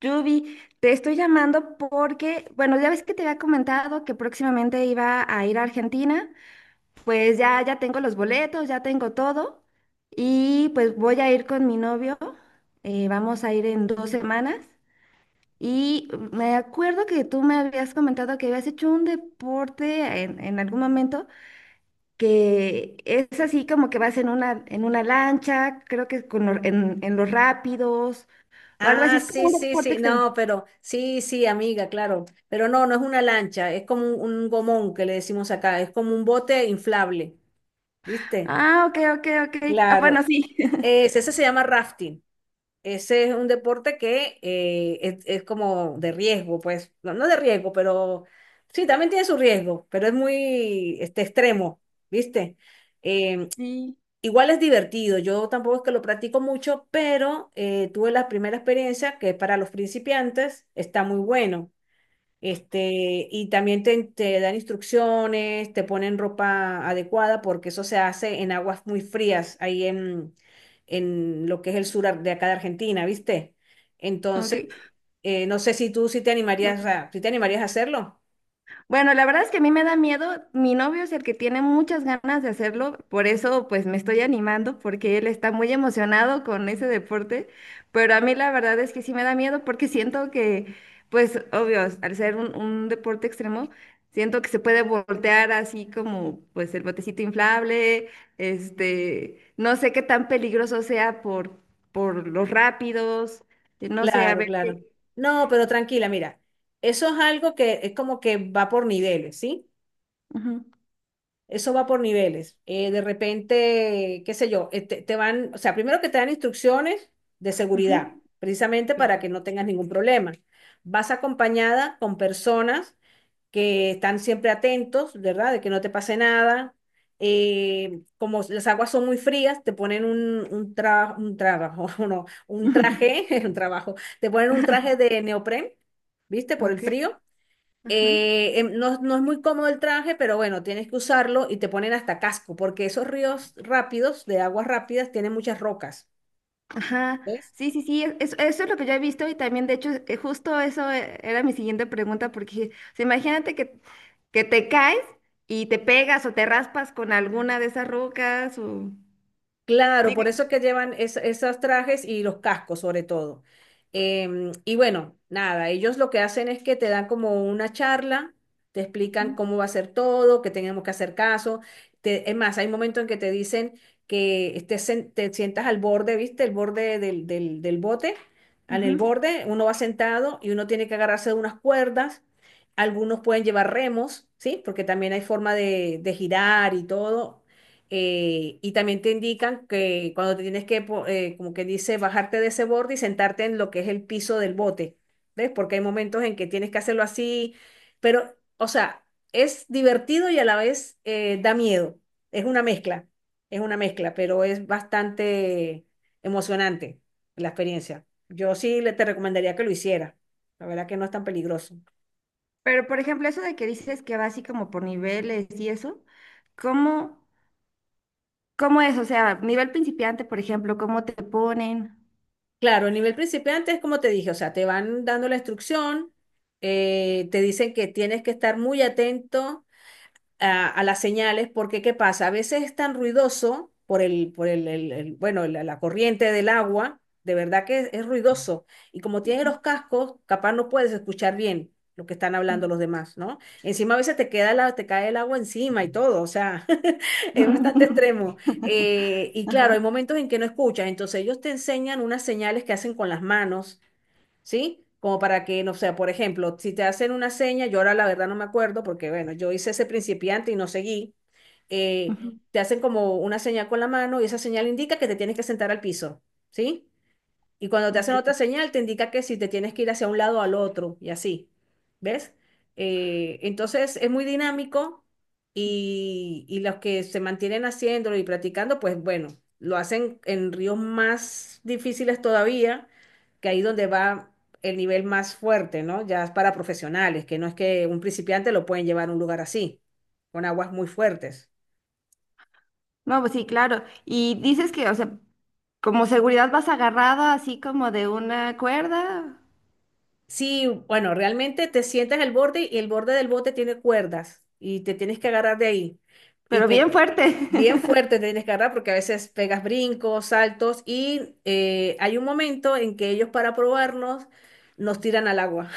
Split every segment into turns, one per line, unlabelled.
Yubi, te estoy llamando porque, bueno, ya ves que te había comentado que próximamente iba a ir a Argentina, pues ya tengo los boletos, ya tengo todo y pues voy a ir con mi novio. Vamos a ir en 2 semanas y me acuerdo que tú me habías comentado que habías hecho un deporte en algún momento que es así como que vas en una lancha, creo que en los rápidos o algo así,
Ah,
es como
sí,
un
sí,
deporte
sí,
extremo.
no, pero sí, sí, amiga, claro, pero no, no es una lancha, es como un gomón que le decimos acá, es como un bote inflable, ¿viste?
Ah, ok, ok, ok. Ah, bueno,
Claro,
sí.
ese se llama rafting, ese es un deporte que es como de riesgo, pues, no, no de riesgo, pero sí, también tiene su riesgo, pero es muy este, extremo, ¿viste? Em,
Sí,
Igual es divertido, yo tampoco es que lo practico mucho, pero tuve la primera experiencia que para los principiantes está muy bueno. Este, y también te dan instrucciones, te ponen ropa adecuada, porque eso se hace en aguas muy frías, ahí en lo que es el de acá de Argentina, ¿viste?
ok.
Entonces, no sé si tú sí si te animarías a hacerlo.
Bueno, la verdad es que a mí me da miedo. Mi novio es el que tiene muchas ganas de hacerlo, por eso pues me estoy animando porque él está muy emocionado con ese deporte, pero a mí la verdad es que sí me da miedo porque siento que, pues obvio, al ser un deporte extremo, siento que se puede voltear así como pues el botecito inflable. Este, no sé qué tan peligroso sea por los rápidos. No sé, a
Claro,
ver qué.
claro. No, pero tranquila, mira, eso es algo que es como que va por niveles, ¿sí?
Ujú,
Eso va por niveles. De repente, qué sé yo, te van, o sea, primero que te dan instrucciones de
ujú.
seguridad, precisamente para que no tengas ningún problema. Vas acompañada con personas que están siempre atentos, ¿verdad? De que no te pase nada. Como las aguas son muy frías, te ponen un trabajo, no, un traje, un trabajo, te ponen un traje de neopren, ¿viste? Por el
Ok,
frío
ajá.
no, no es muy cómodo el traje, pero bueno, tienes que usarlo y te ponen hasta casco, porque esos ríos rápidos, de aguas rápidas, tienen muchas rocas.
Ajá,
¿Ves?
sí, sí, sí, eso es lo que yo he visto y también, de hecho, justo eso, era mi siguiente pregunta, porque o sea, imagínate que te caes y te pegas o te raspas con alguna de esas rocas o...
Claro,
Digo,
por eso es que llevan esos trajes y los cascos sobre todo. Em, y bueno, nada, ellos lo que hacen es que te dan como una charla, te explican
ujú,
cómo va a ser todo, que tenemos que hacer caso. Es más, hay momentos en que te dicen que te sientas al borde, ¿viste? El borde del bote, en el
ujú.
borde, uno va sentado y uno tiene que agarrarse de unas cuerdas. Algunos pueden llevar remos, ¿sí? Porque también hay forma de girar y todo y también te indican que cuando te tienes como que dice, bajarte de ese borde y sentarte en lo que es el piso del bote, ¿ves? Porque hay momentos en que tienes que hacerlo así, pero, o sea, es divertido y a la vez da miedo. Es una mezcla, es una mezcla, pero es bastante emocionante la experiencia. Yo sí le te recomendaría que lo hiciera. La verdad que no es tan peligroso.
Pero, por ejemplo, eso de que dices que va así como por niveles y eso, ¿cómo, ¿cómo es? O sea, nivel principiante, por ejemplo, ¿cómo te ponen?
Claro, a nivel principiante es como te dije, o sea, te van dando la instrucción, te dicen que tienes que estar muy atento a las señales, porque ¿qué pasa? A veces es tan ruidoso por bueno, la corriente del agua, de verdad que es ruidoso. Y como tienes
Ujú,
los cascos, capaz no puedes escuchar bien lo que están hablando
ok.
los demás, ¿no? Encima a veces te cae el agua encima y todo, o sea, es bastante extremo. Y claro,
Ajá,
hay momentos en que no escuchas, entonces ellos te enseñan unas señales que hacen con las manos, ¿sí? Como para que, no sé, por ejemplo, si te hacen una seña, yo ahora la verdad no me acuerdo porque, bueno, yo hice ese principiante y no seguí, eh,
ujú,
te hacen como una señal con la mano y esa señal indica que te tienes que sentar al piso, ¿sí? Y cuando te hacen
ok.
otra señal, te indica que si te tienes que ir hacia un lado o al otro, y así. ¿Ves? Entonces es muy dinámico y los que se mantienen haciéndolo y practicando, pues bueno, lo hacen en ríos más difíciles todavía, que ahí donde va el nivel más fuerte, ¿no? Ya es para profesionales, que no es que un principiante lo pueden llevar a un lugar así, con aguas muy fuertes.
No, pues sí, claro. Y dices que, o sea, como seguridad vas agarrado así como de una cuerda,
Sí, bueno, realmente te sientas en el borde y el borde del bote tiene cuerdas y te tienes que agarrar de ahí. Y
pero
te
bien fuerte.
bien fuerte te tienes que agarrar porque a veces pegas brincos, saltos y hay un momento en que ellos para probarnos nos tiran al agua.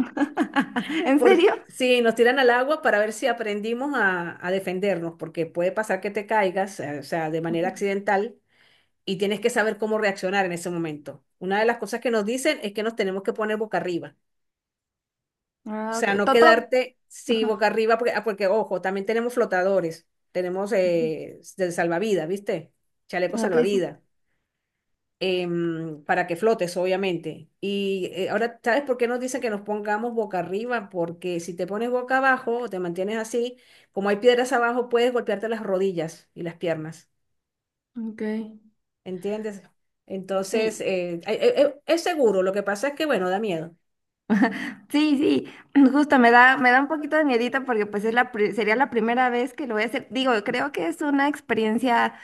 ¿En
Por-
serio?
sí, nos tiran al agua para ver si aprendimos a defendernos porque puede pasar que te caigas, o sea, de manera
Ujú.
accidental y tienes que saber cómo reaccionar en ese momento. Una de las cosas que nos dicen es que nos tenemos que poner boca arriba. O
Ah,
sea,
ok.
no
Toto.
quedarte, sí, boca
Ajá.
arriba, porque, ah, porque ojo, también tenemos flotadores, tenemos
Ujú.
del salvavidas, ¿viste? Chaleco
Ok, sí.
salvavidas, em, para que flotes, obviamente. Y ahora, ¿sabes por qué nos dicen que nos pongamos boca arriba? Porque si te pones boca abajo o te mantienes así, como hay piedras abajo, puedes golpearte las rodillas y las piernas,
Ok.
¿entiendes? Entonces,
Sí,
es seguro, lo que pasa es que, bueno, da miedo.
sí, sí. Justo me da un poquito de miedito porque pues es sería la primera vez que lo voy a hacer. Digo, creo que es una experiencia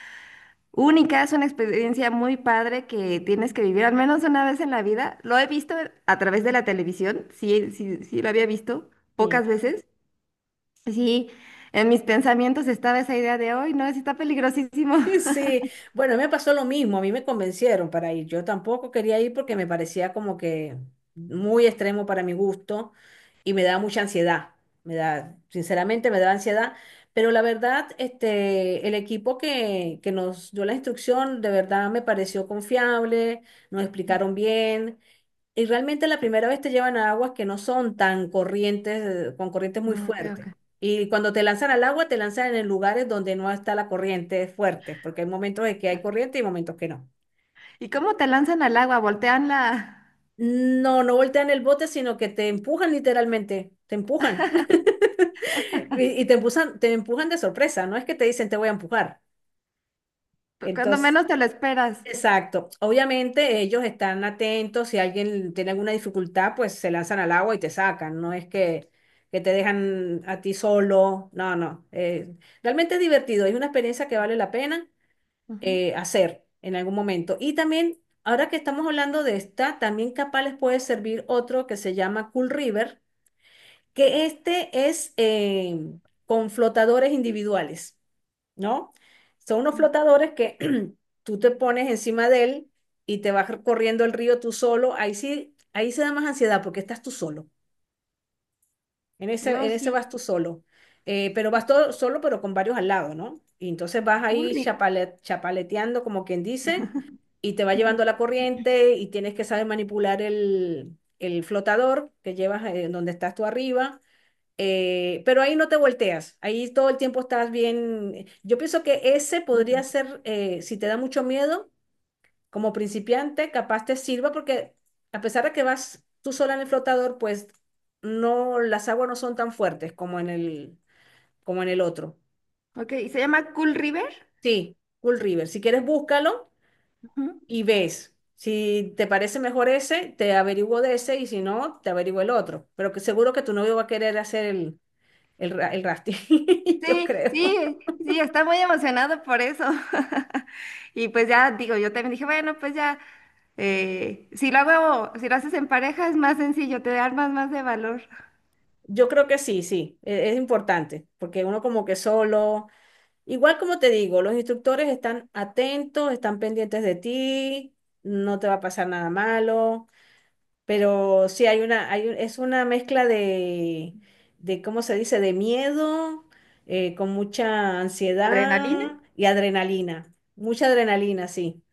única, es una experiencia muy padre que tienes que vivir al menos una vez en la vida. Lo he visto a través de la televisión, sí, sí, sí lo había visto
Sí.
pocas veces. Y sí, en mis pensamientos estaba esa idea de, hoy no, sí está peligrosísimo.
Sí, bueno, me pasó lo mismo, a mí me convencieron para ir, yo tampoco quería ir porque me parecía como que muy extremo para mi gusto y me daba mucha ansiedad, me da, sinceramente me daba ansiedad, pero la verdad, este, el equipo que nos dio la instrucción de verdad me pareció confiable, nos explicaron bien, y realmente la primera vez te llevan a aguas que no son tan corrientes, con corrientes muy
Mm, ok,
fuertes.
ok.
Y cuando te lanzan al agua, te lanzan en lugares donde no está la corriente fuerte, porque hay momentos en que hay corriente y momentos que no.
¿Y cómo te lanzan al agua? Voltean la...
No, no voltean el bote, sino que te empujan literalmente, te empujan. Y te empujan de sorpresa, no es que te dicen te voy a empujar.
Cuando
Entonces,
menos te lo esperas.
exacto. Obviamente ellos están atentos, si alguien tiene alguna dificultad, pues se lanzan al agua y te sacan, no es que te dejan a ti solo, no, no. Eh, realmente es divertido, es una experiencia que vale la pena
Ujú.
hacer en algún momento. Y también, ahora que estamos hablando de esta, también capaz les puede servir otro que se llama Cool River, que este es con flotadores individuales, ¿no? Son unos flotadores que tú te pones encima de él y te vas corriendo el río tú solo. Ahí sí, ahí se da más ansiedad porque estás tú solo.
No,
En ese vas
sí.
tú solo. Pero vas
Cu-
todo solo, pero con varios al lado, ¿no? Y entonces vas
Cool
ahí
River.
chapaleteando, como quien dice, y te va llevando
Ujú.
la corriente y tienes que saber manipular el flotador que llevas donde estás tú arriba, pero ahí no te volteas, ahí todo el tiempo estás bien. Yo pienso que ese
Lo
podría
tanto.
ser, si te da mucho miedo, como principiante, capaz te sirva porque a pesar de que vas tú sola en el flotador, pues no, las aguas no son tan fuertes como en el otro.
Ok, ¿y se llama Cool River?
Sí, Cool River. Si quieres, búscalo
Ujú.
y ves. Si te parece mejor ese, te averiguo de ese y si no, te averiguo el otro. Pero que seguro que tu novio va a querer hacer el rafting, yo
Sí,
creo.
sí, sí, está muy emocionado por eso. Y pues ya digo, yo también dije, bueno, pues ya, si lo haces en pareja es más sencillo, te armas más de valor.
Yo creo que sí, sí, es importante, porque uno como que solo, igual como te digo, los instructores están atentos, están pendientes de ti, no te va a pasar nada malo. Pero sí, hay una, hay, un- es una mezcla ¿cómo se dice? De miedo, con mucha
¿Adrenalina?
ansiedad y adrenalina. Mucha adrenalina, sí.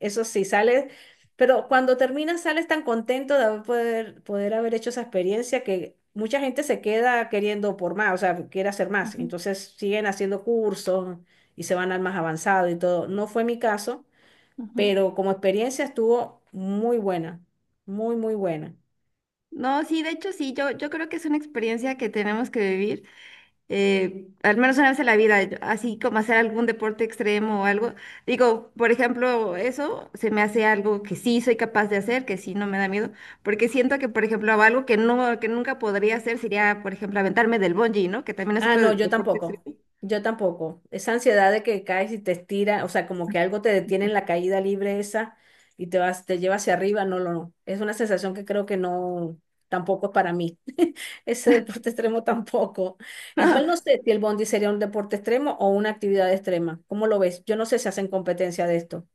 Eso sí, sales, pero cuando terminas sales tan contento de haber poder haber hecho esa experiencia que mucha gente se queda queriendo por más, o sea, quiere hacer más.
Ujú,
Entonces siguen haciendo cursos y se van al más avanzado y todo. No fue mi caso,
ujú.
pero como experiencia estuvo muy buena, muy, muy buena.
No, sí, de hecho sí, yo creo que es una experiencia que tenemos que vivir. Al menos una vez en la vida, yo, así como hacer algún deporte extremo o algo. Digo, por ejemplo, eso se me hace algo que sí soy capaz de hacer, que sí no me da miedo, porque siento que, por ejemplo, algo que no, que nunca podría hacer sería, por ejemplo, aventarme del bungee, ¿no? Que también es
Ah,
otro
no, yo
deporte
tampoco.
extremo.
Yo tampoco. Esa ansiedad de que caes y te estira, o sea, como que algo te detiene en la caída libre esa y te vas, te lleva hacia arriba, no, no, no. Es una sensación que creo que no, tampoco es para mí. Ese deporte extremo tampoco. Igual no sé si el bondi sería un deporte extremo o una actividad extrema. ¿Cómo lo ves? Yo no sé si hacen competencia de esto.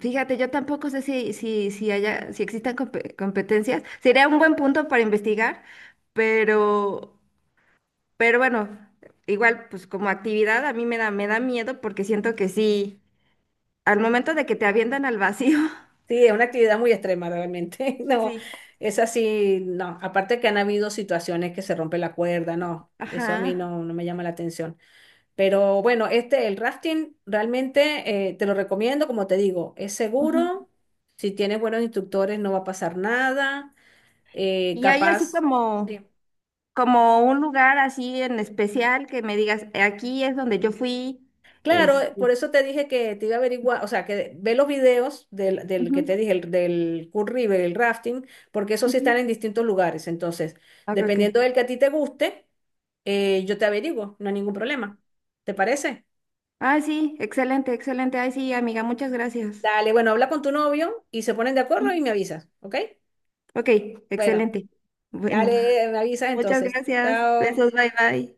Fíjate, yo tampoco sé si haya, si existan competencias. Sería un buen punto para investigar, pero, pero bueno, igual, pues como actividad a mí me da miedo porque siento que sí. Al momento de que te avientan al vacío,
Sí, es una actividad muy extrema realmente. No,
sí,
es así, no. Aparte que han habido situaciones que se rompe la cuerda, no. Eso a mí
ajá.
no, no me llama la atención. Pero bueno, este, el rafting realmente te lo recomiendo, como te digo, es
Ujú.
seguro. Si tienes buenos instructores no va a pasar nada. Eh,
Y hay así
capaz. Sí.
como, como un lugar así en especial que me digas, aquí es donde yo fui".
Claro,
Este,
por eso te dije que te iba a averiguar, o sea, que ve los videos del
ujú,
que te dije, del Cool River, el rafting, porque esos sí están
ujú.
en distintos lugares. Entonces,
Ok, ok.
dependiendo del que a ti te guste, yo te averiguo, no hay ningún problema. ¿Te parece?
Ah, sí, excelente, excelente. Ay, sí, amiga, muchas gracias.
Dale, bueno, habla con tu novio y se ponen de acuerdo y
Sí.
me avisas, ¿ok?
Ok,
Bueno.
excelente. Bueno,
Dale, me avisas
muchas
entonces.
gracias.
Chao.
Besos, bye, bye.